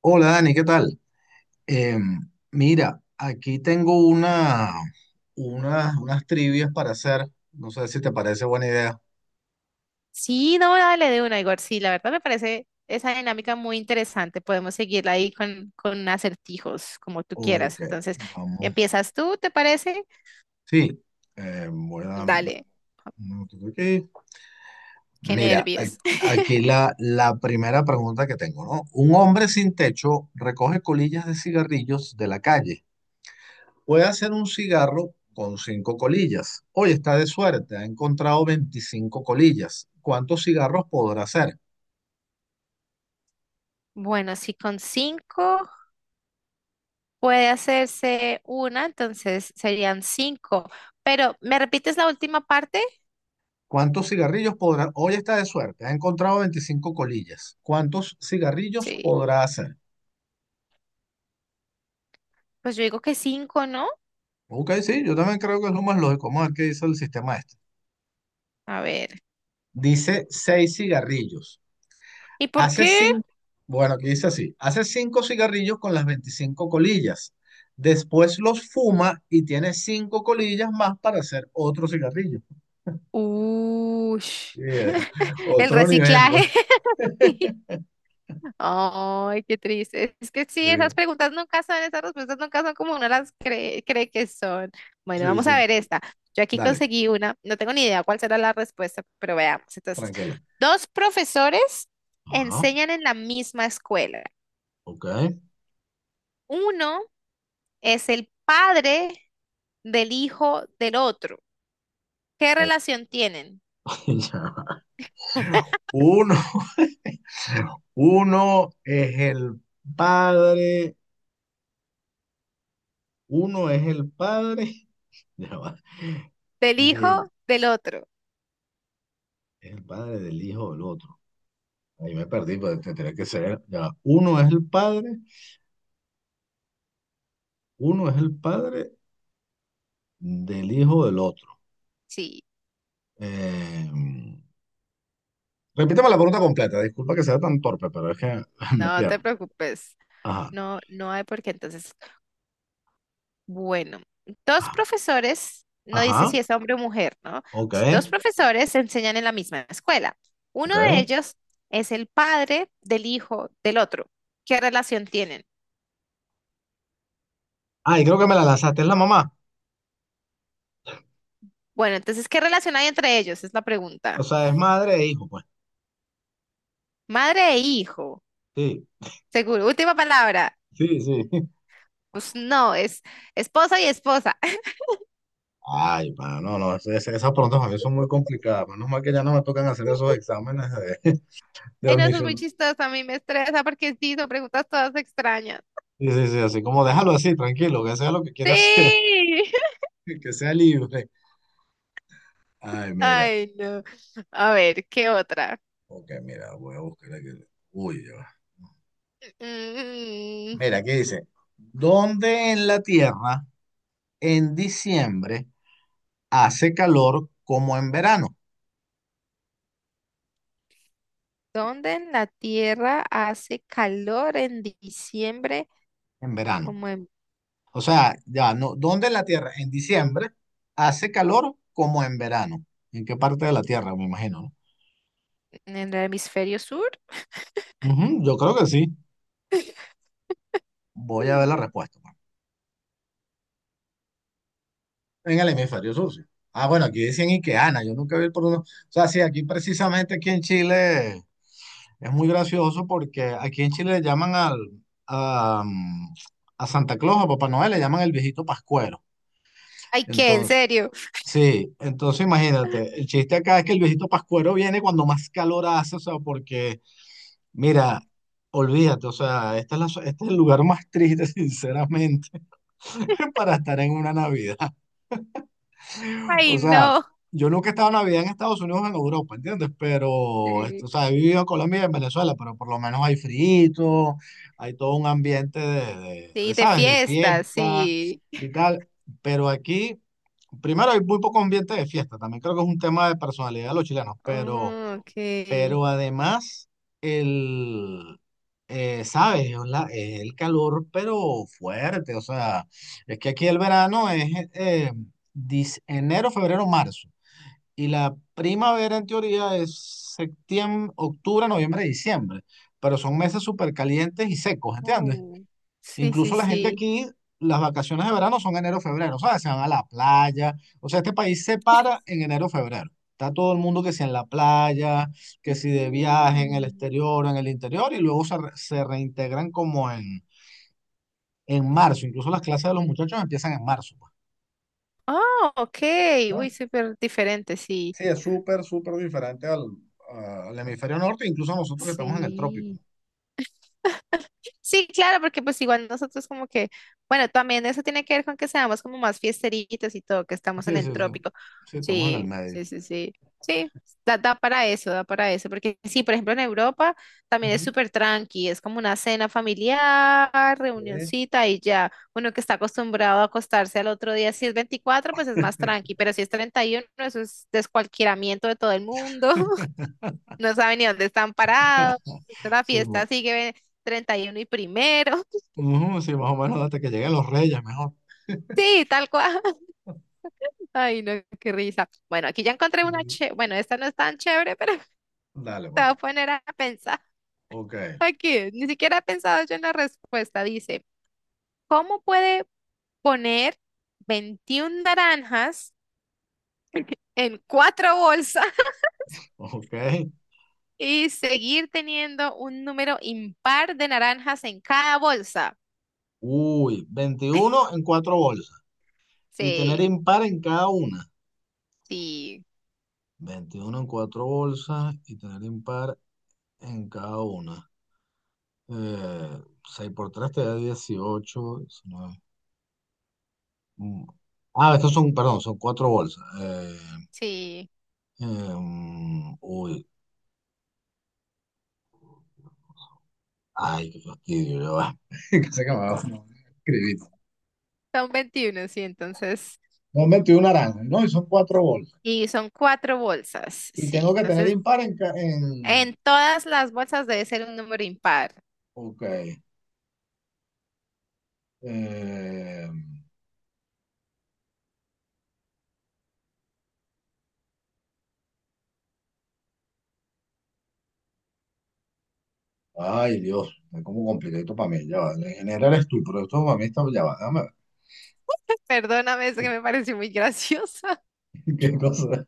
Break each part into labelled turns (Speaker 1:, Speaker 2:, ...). Speaker 1: Hola Dani, ¿qué tal? Mira, aquí tengo unas trivias para hacer. No sé si te parece buena idea.
Speaker 2: Sí, no, dale de una, Igor. Sí, la verdad me parece esa dinámica muy interesante. Podemos seguirla ahí con acertijos, como tú
Speaker 1: Ok,
Speaker 2: quieras. Entonces,
Speaker 1: vamos.
Speaker 2: ¿empiezas tú, te parece?
Speaker 1: Sí, voy a dar un
Speaker 2: Dale,
Speaker 1: minutito aquí.
Speaker 2: qué
Speaker 1: Mira,
Speaker 2: nervios.
Speaker 1: aquí la primera pregunta que tengo, ¿no? Un hombre sin techo recoge colillas de cigarrillos de la calle. Puede hacer un cigarro con cinco colillas. Hoy está de suerte, ha encontrado 25 colillas. ¿Cuántos cigarros podrá hacer?
Speaker 2: Bueno, si con cinco puede hacerse una, entonces serían cinco. Pero, ¿me repites la última parte?
Speaker 1: ¿Cuántos cigarrillos podrá? Hoy está de suerte, ha encontrado 25 colillas. ¿Cuántos cigarrillos
Speaker 2: Sí,
Speaker 1: podrá hacer?
Speaker 2: pues yo digo que cinco, ¿no?
Speaker 1: Ok, sí, yo también creo que es lo más lógico. Vamos a ver qué dice el sistema este.
Speaker 2: A ver,
Speaker 1: Dice 6 cigarrillos.
Speaker 2: ¿y por
Speaker 1: Hace
Speaker 2: qué?
Speaker 1: cinco bueno, aquí dice así, hace 5 cigarrillos con las 25 colillas. Después los fuma y tiene 5 colillas más para hacer otro cigarrillo.
Speaker 2: Ush.
Speaker 1: Yeah,
Speaker 2: el
Speaker 1: otro nivel,
Speaker 2: reciclaje.
Speaker 1: pues.
Speaker 2: Sí. Ay, qué triste. Es que
Speaker 1: Sí,
Speaker 2: sí, esas preguntas nunca son, esas respuestas nunca son como uno las cree, cree que son. Bueno,
Speaker 1: sí,
Speaker 2: vamos a
Speaker 1: sí.
Speaker 2: ver esta. Yo aquí
Speaker 1: Dale,
Speaker 2: conseguí una, no tengo ni idea cuál será la respuesta, pero veamos. Entonces,
Speaker 1: tranquilo.
Speaker 2: dos profesores
Speaker 1: Ajá,
Speaker 2: enseñan en la misma escuela.
Speaker 1: ok.
Speaker 2: Uno es el padre del hijo del otro. ¿Qué
Speaker 1: Ok,
Speaker 2: relación tienen?
Speaker 1: ya va. Uno. Uno es el padre, uno es el padre, ya va,
Speaker 2: Del hijo
Speaker 1: del,
Speaker 2: del otro.
Speaker 1: es el padre del hijo del otro. Ahí me perdí, pero tendría que ser, ya va. Uno es el padre del hijo del otro.
Speaker 2: Sí,
Speaker 1: Eh, Repítame la pregunta completa, disculpa que sea tan torpe, pero es que me
Speaker 2: no te
Speaker 1: pierdo.
Speaker 2: preocupes.
Speaker 1: Ajá,
Speaker 2: No, no hay por qué. Entonces, bueno, dos
Speaker 1: ajá,
Speaker 2: profesores, no dice
Speaker 1: ajá,
Speaker 2: si es hombre o mujer, ¿no?
Speaker 1: ok,
Speaker 2: Si dos profesores se enseñan en la misma escuela. Uno de
Speaker 1: ok.
Speaker 2: ellos es el padre del hijo del otro. ¿Qué relación tienen?
Speaker 1: Ay, creo que me la lanzaste, es la mamá.
Speaker 2: Bueno, entonces, ¿qué relación hay entre ellos? Es la
Speaker 1: O
Speaker 2: pregunta.
Speaker 1: sea, es madre e hijo, pues.
Speaker 2: Madre e hijo,
Speaker 1: Sí,
Speaker 2: seguro. Última palabra.
Speaker 1: sí, sí.
Speaker 2: Pues no, es esposa y esposa.
Speaker 1: Ay, mano, no, no, esas preguntas para mí son muy complicadas. Menos mal que ya no me tocan hacer esos exámenes de, de
Speaker 2: Ay, no, eso es muy
Speaker 1: admisión.
Speaker 2: chistoso. A mí me estresa porque sí, son preguntas todas extrañas.
Speaker 1: Sí, sí, sí, así como déjalo así, tranquilo, que sea lo que quiera hacer,
Speaker 2: Sí.
Speaker 1: que sea libre. Ay, mira,
Speaker 2: Ay, no. A ver, ¿qué otra?
Speaker 1: ok, mira, voy a buscar aquí. Uy, ya va.
Speaker 2: Mm.
Speaker 1: Mira, ¿dónde en la Tierra en diciembre hace calor como en verano?
Speaker 2: ¿Dónde en la Tierra hace calor en diciembre
Speaker 1: En verano.
Speaker 2: como
Speaker 1: O sea, ya, no, ¿dónde en la Tierra en diciembre hace calor como en verano? ¿En qué parte de la Tierra, me imagino, no?
Speaker 2: en el hemisferio sur?
Speaker 1: Ujú, yo creo que sí. Voy a ver
Speaker 2: Mm.
Speaker 1: la respuesta, mano. En el hemisferio sur, sí. Ah, bueno, aquí decían Iqueana, yo nunca vi el uno. O sea, sí, aquí precisamente aquí en Chile. Es muy gracioso porque aquí en Chile le llaman a, mm, a Santa Claus, a Papá Noel, le llaman el viejito Pascuero.
Speaker 2: Ay, ¿qué? ¿En
Speaker 1: Entonces,
Speaker 2: serio?
Speaker 1: sí, entonces imagínate, el chiste acá es que el viejito Pascuero viene cuando más calor hace, o sea, porque, mira, olvídate, o sea, esta es la, so, este es el lugar más triste, sinceramente, para estar en una Navidad. O
Speaker 2: Ay,
Speaker 1: sea,
Speaker 2: no.
Speaker 1: yo nunca he estado en Navidad en Estados Unidos o en Europa, ¿entiendes? Pero, esto, o
Speaker 2: Sí.
Speaker 1: sea, he vivido en Colombia y en Venezuela, pero por lo menos hay frito, hay todo un ambiente de,
Speaker 2: Sí, de
Speaker 1: ¿sabes? De
Speaker 2: fiesta,
Speaker 1: fiesta
Speaker 2: sí.
Speaker 1: y tal. Pero aquí, primero hay muy poco ambiente de fiesta, también creo que es un tema de personalidad de los chilenos, pero...
Speaker 2: Oh, ok.
Speaker 1: Pero además, el, sabes, es el calor, pero fuerte. O sea, es que aquí el verano es eh, enero, febrero, marzo. Y la primavera, en teoría, es septiembre, octubre, noviembre, diciembre. Pero son meses súper calientes y secos, ¿entiendes?
Speaker 2: Oh, sí, sí,
Speaker 1: Incluso la gente
Speaker 2: sí.
Speaker 1: aquí, las vacaciones de verano son enero, febrero, ¿sabes? Se van a la playa. O sea, este país se para en enero, febrero. Está todo el mundo que si en la playa, que si de viaje, en el
Speaker 2: Mm.
Speaker 1: exterior, en el interior, y luego se reintegran como en marzo. Incluso las clases de los muchachos empiezan en marzo, pues,
Speaker 2: Oh, ok.
Speaker 1: ¿no?
Speaker 2: Uy, súper diferente, sí.
Speaker 1: Sí, es súper, súper diferente al hemisferio norte, incluso nosotros que estamos en el trópico, ¿no?
Speaker 2: Sí. Sí, claro, porque pues igual nosotros como que, bueno, también eso tiene que ver con que seamos como más fiesteritos y todo, que estamos en
Speaker 1: Sí,
Speaker 2: el
Speaker 1: sí, sí.
Speaker 2: trópico.
Speaker 1: Sí, estamos en el
Speaker 2: Sí,
Speaker 1: medio.
Speaker 2: sí, sí, sí. Sí, da, da para eso, porque sí, por ejemplo, en Europa también es
Speaker 1: Ujú.
Speaker 2: súper tranqui, es como una cena familiar,
Speaker 1: Sí.
Speaker 2: reunioncita y ya. Uno que está acostumbrado a acostarse al otro día, si es 24, pues es más tranqui, pero si es 31, eso es descualquieramiento de todo el mundo, no saben ni dónde están parados, la
Speaker 1: Sí,
Speaker 2: fiesta sigue 31 y primero.
Speaker 1: ujú, sí, más o menos hasta que lleguen los reyes, mejor.
Speaker 2: Sí, tal cual. Ay, no, qué risa. Bueno, aquí ya encontré una,
Speaker 1: Mm,
Speaker 2: che, bueno, esta no es tan chévere, pero
Speaker 1: dale,
Speaker 2: te
Speaker 1: pues.
Speaker 2: voy a poner a pensar.
Speaker 1: Ok,
Speaker 2: Aquí, ni siquiera he pensado yo en la respuesta. Dice, ¿cómo puede poner 21 naranjas en cuatro bolsas
Speaker 1: ok.
Speaker 2: y seguir teniendo un número impar de naranjas en cada bolsa?
Speaker 1: Uy, 21 en cuatro bolsas y tener
Speaker 2: Sí,
Speaker 1: impar en cada una.
Speaker 2: sí,
Speaker 1: 21 en cuatro bolsas y tener impar en cada una. Eh, 6 por 3 te da 18 19. Mm. Ah, estos son, perdón, son cuatro bolsas.
Speaker 2: sí.
Speaker 1: Eh, uy, ay, qué fastidio, ya va. Sé que me va a escribir.
Speaker 2: Son 21, sí, entonces
Speaker 1: Son 21 naranjas, ¿no? Y son cuatro bolsas.
Speaker 2: y son cuatro bolsas,
Speaker 1: Y
Speaker 2: sí.
Speaker 1: tengo que tener
Speaker 2: Entonces,
Speaker 1: impar en... ca- en.
Speaker 2: en todas las bolsas debe ser un número impar.
Speaker 1: Ok. eh, Ay, Dios, es como complicadito para mí. Ya va. En general es tú, pero esto para mí está. Ya va, déjame
Speaker 2: Perdóname, es que
Speaker 1: ver.
Speaker 2: me pareció muy graciosa.
Speaker 1: ¿Qué cosa?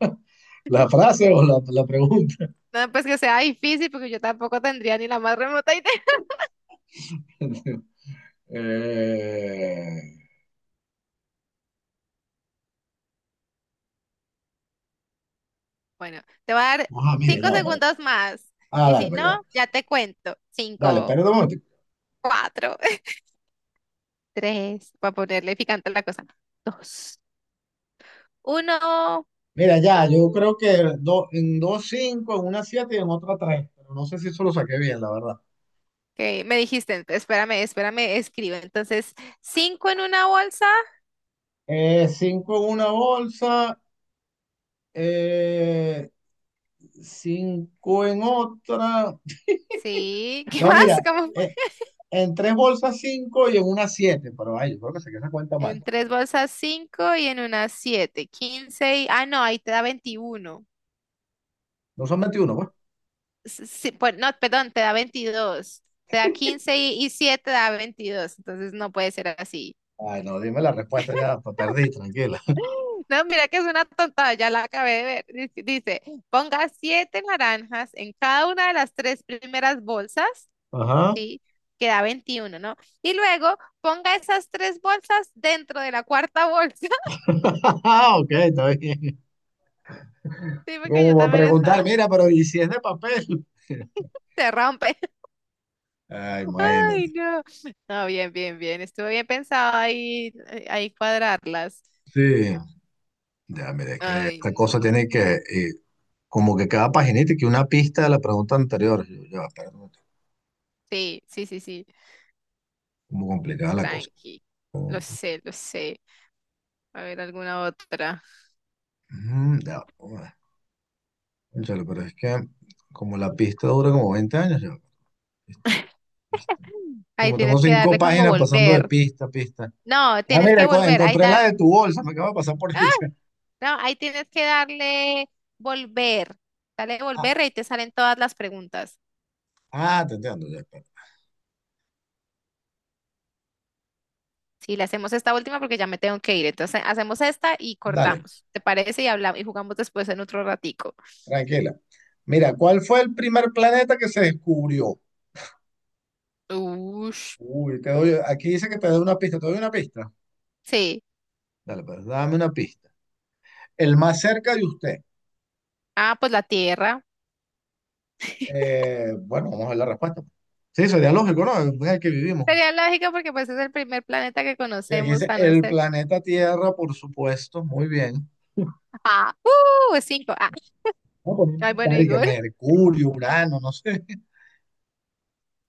Speaker 1: ¿La frase o la pregunta?
Speaker 2: No, pues que sea difícil, porque yo tampoco tendría ni la más remota idea.
Speaker 1: Eh,
Speaker 2: Bueno, te voy a dar
Speaker 1: Mire,
Speaker 2: cinco
Speaker 1: ya va.
Speaker 2: segundos más.
Speaker 1: Ah,
Speaker 2: Y
Speaker 1: dale,
Speaker 2: si no,
Speaker 1: pues ya va.
Speaker 2: ya te cuento.
Speaker 1: Dale,
Speaker 2: Cinco,
Speaker 1: espera un momento.
Speaker 2: cuatro, tres, para ponerle picante a la cosa. Dos, uno.
Speaker 1: Mira, ya, yo
Speaker 2: Mm.
Speaker 1: creo que en dos cinco, en una siete y en otra tres. Pero no sé si eso lo saqué bien, la verdad.
Speaker 2: Ok, me dijiste, espérame, espérame, escribe. Entonces, cinco en una bolsa.
Speaker 1: Cinco en una bolsa. Eh, Cinco en otra.
Speaker 2: Sí, ¿qué
Speaker 1: No, mira,
Speaker 2: más?
Speaker 1: eh, en tres bolsas cinco y en una siete. Pero ay, yo creo que se esa cuenta mal.
Speaker 2: En tres bolsas cinco y en una siete. 15 y... Ah, no, ahí te da 21.
Speaker 1: No son 21 pues.
Speaker 2: Sí, pues, no, perdón, te da 22. Te da 15 y siete te da 22. Entonces no puede ser así.
Speaker 1: Ay, no, dime la respuesta ya, pues, perdí, tranquila.
Speaker 2: No, mira que es una tontada, ya la acabé de ver. Dice, dice, ponga siete naranjas en cada una de las tres primeras bolsas,
Speaker 1: Ajá.
Speaker 2: ¿sí? Que da 21, ¿no? Y luego ponga esas tres bolsas dentro de la cuarta bolsa.
Speaker 1: Ok, está bien.
Speaker 2: Dime que yo
Speaker 1: ¿Cómo va a
Speaker 2: también
Speaker 1: preguntar?
Speaker 2: estaba.
Speaker 1: Mira, pero ¿y si es de papel?
Speaker 2: Se rompe.
Speaker 1: Ay,
Speaker 2: Ay,
Speaker 1: imagínate.
Speaker 2: no. No, bien, bien, bien. Estuvo bien pensado ahí, ahí cuadrarlas.
Speaker 1: Sí, ya, mire, es que
Speaker 2: Ay,
Speaker 1: esta cosa
Speaker 2: no.
Speaker 1: tiene que, como que cada paginita, que una pista de la pregunta anterior. Yo, ya, espérate,
Speaker 2: Sí, sí, sí, sí.
Speaker 1: como complicada la cosa.
Speaker 2: Tranqui. Lo sé, lo sé. A ver, alguna otra.
Speaker 1: Mm, ya, bueno, cónchale, pero es que como la pista dura como 20 años, yo, pista, pista, pista.
Speaker 2: Ahí
Speaker 1: Como tengo
Speaker 2: tienes que
Speaker 1: cinco
Speaker 2: darle como
Speaker 1: páginas pasando de
Speaker 2: volver.
Speaker 1: pista a pista.
Speaker 2: No,
Speaker 1: Ah,
Speaker 2: tienes que
Speaker 1: mira,
Speaker 2: volver. Ahí
Speaker 1: encontré la
Speaker 2: da.
Speaker 1: de tu bolsa, me acabo de pasar por
Speaker 2: ¡Ah!
Speaker 1: ella.
Speaker 2: No, ahí tienes que darle volver. Dale
Speaker 1: Ah,
Speaker 2: volver y ahí te salen todas las preguntas.
Speaker 1: ah, te entiendo, ya, espera.
Speaker 2: Sí, le hacemos esta última porque ya me tengo que ir. Entonces hacemos esta y
Speaker 1: Dale,
Speaker 2: cortamos. ¿Te parece? Y hablamos y jugamos después en otro ratico.
Speaker 1: tranquila. Mira, ¿cuál fue el primer planeta que se descubrió?
Speaker 2: Uy,
Speaker 1: Uy, aquí dice que te doy una pista, ¿te doy una pista?
Speaker 2: sí.
Speaker 1: Dale, pues dame una pista. El más cerca de usted.
Speaker 2: Ah, pues la Tierra.
Speaker 1: Bueno, vamos a ver la respuesta. Sí, sería lógico, ¿no? Es el que vivimos.
Speaker 2: Sería lógico porque pues es el primer planeta que
Speaker 1: Sí, aquí
Speaker 2: conocemos
Speaker 1: dice
Speaker 2: a no
Speaker 1: el
Speaker 2: ser.
Speaker 1: planeta Tierra, por supuesto, muy bien. Vamos
Speaker 2: Ah, cinco. Ah,
Speaker 1: a poner
Speaker 2: ay, bueno,
Speaker 1: inventar y que
Speaker 2: Igor.
Speaker 1: Mercurio, Urano, no sé.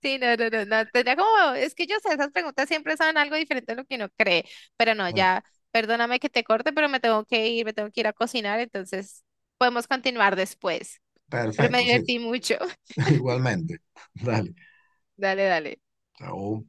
Speaker 2: Sí, no, no, no, no. Tenía como, es que yo sé, esas preguntas siempre son algo diferente a lo que uno cree. Pero no,
Speaker 1: Ah,
Speaker 2: ya, perdóname que te corte, pero me tengo que ir, me tengo que ir a cocinar, entonces podemos continuar después. Pero me
Speaker 1: perfecto, sí,
Speaker 2: divertí mucho.
Speaker 1: igualmente. Dale,
Speaker 2: Dale, dale.
Speaker 1: chao.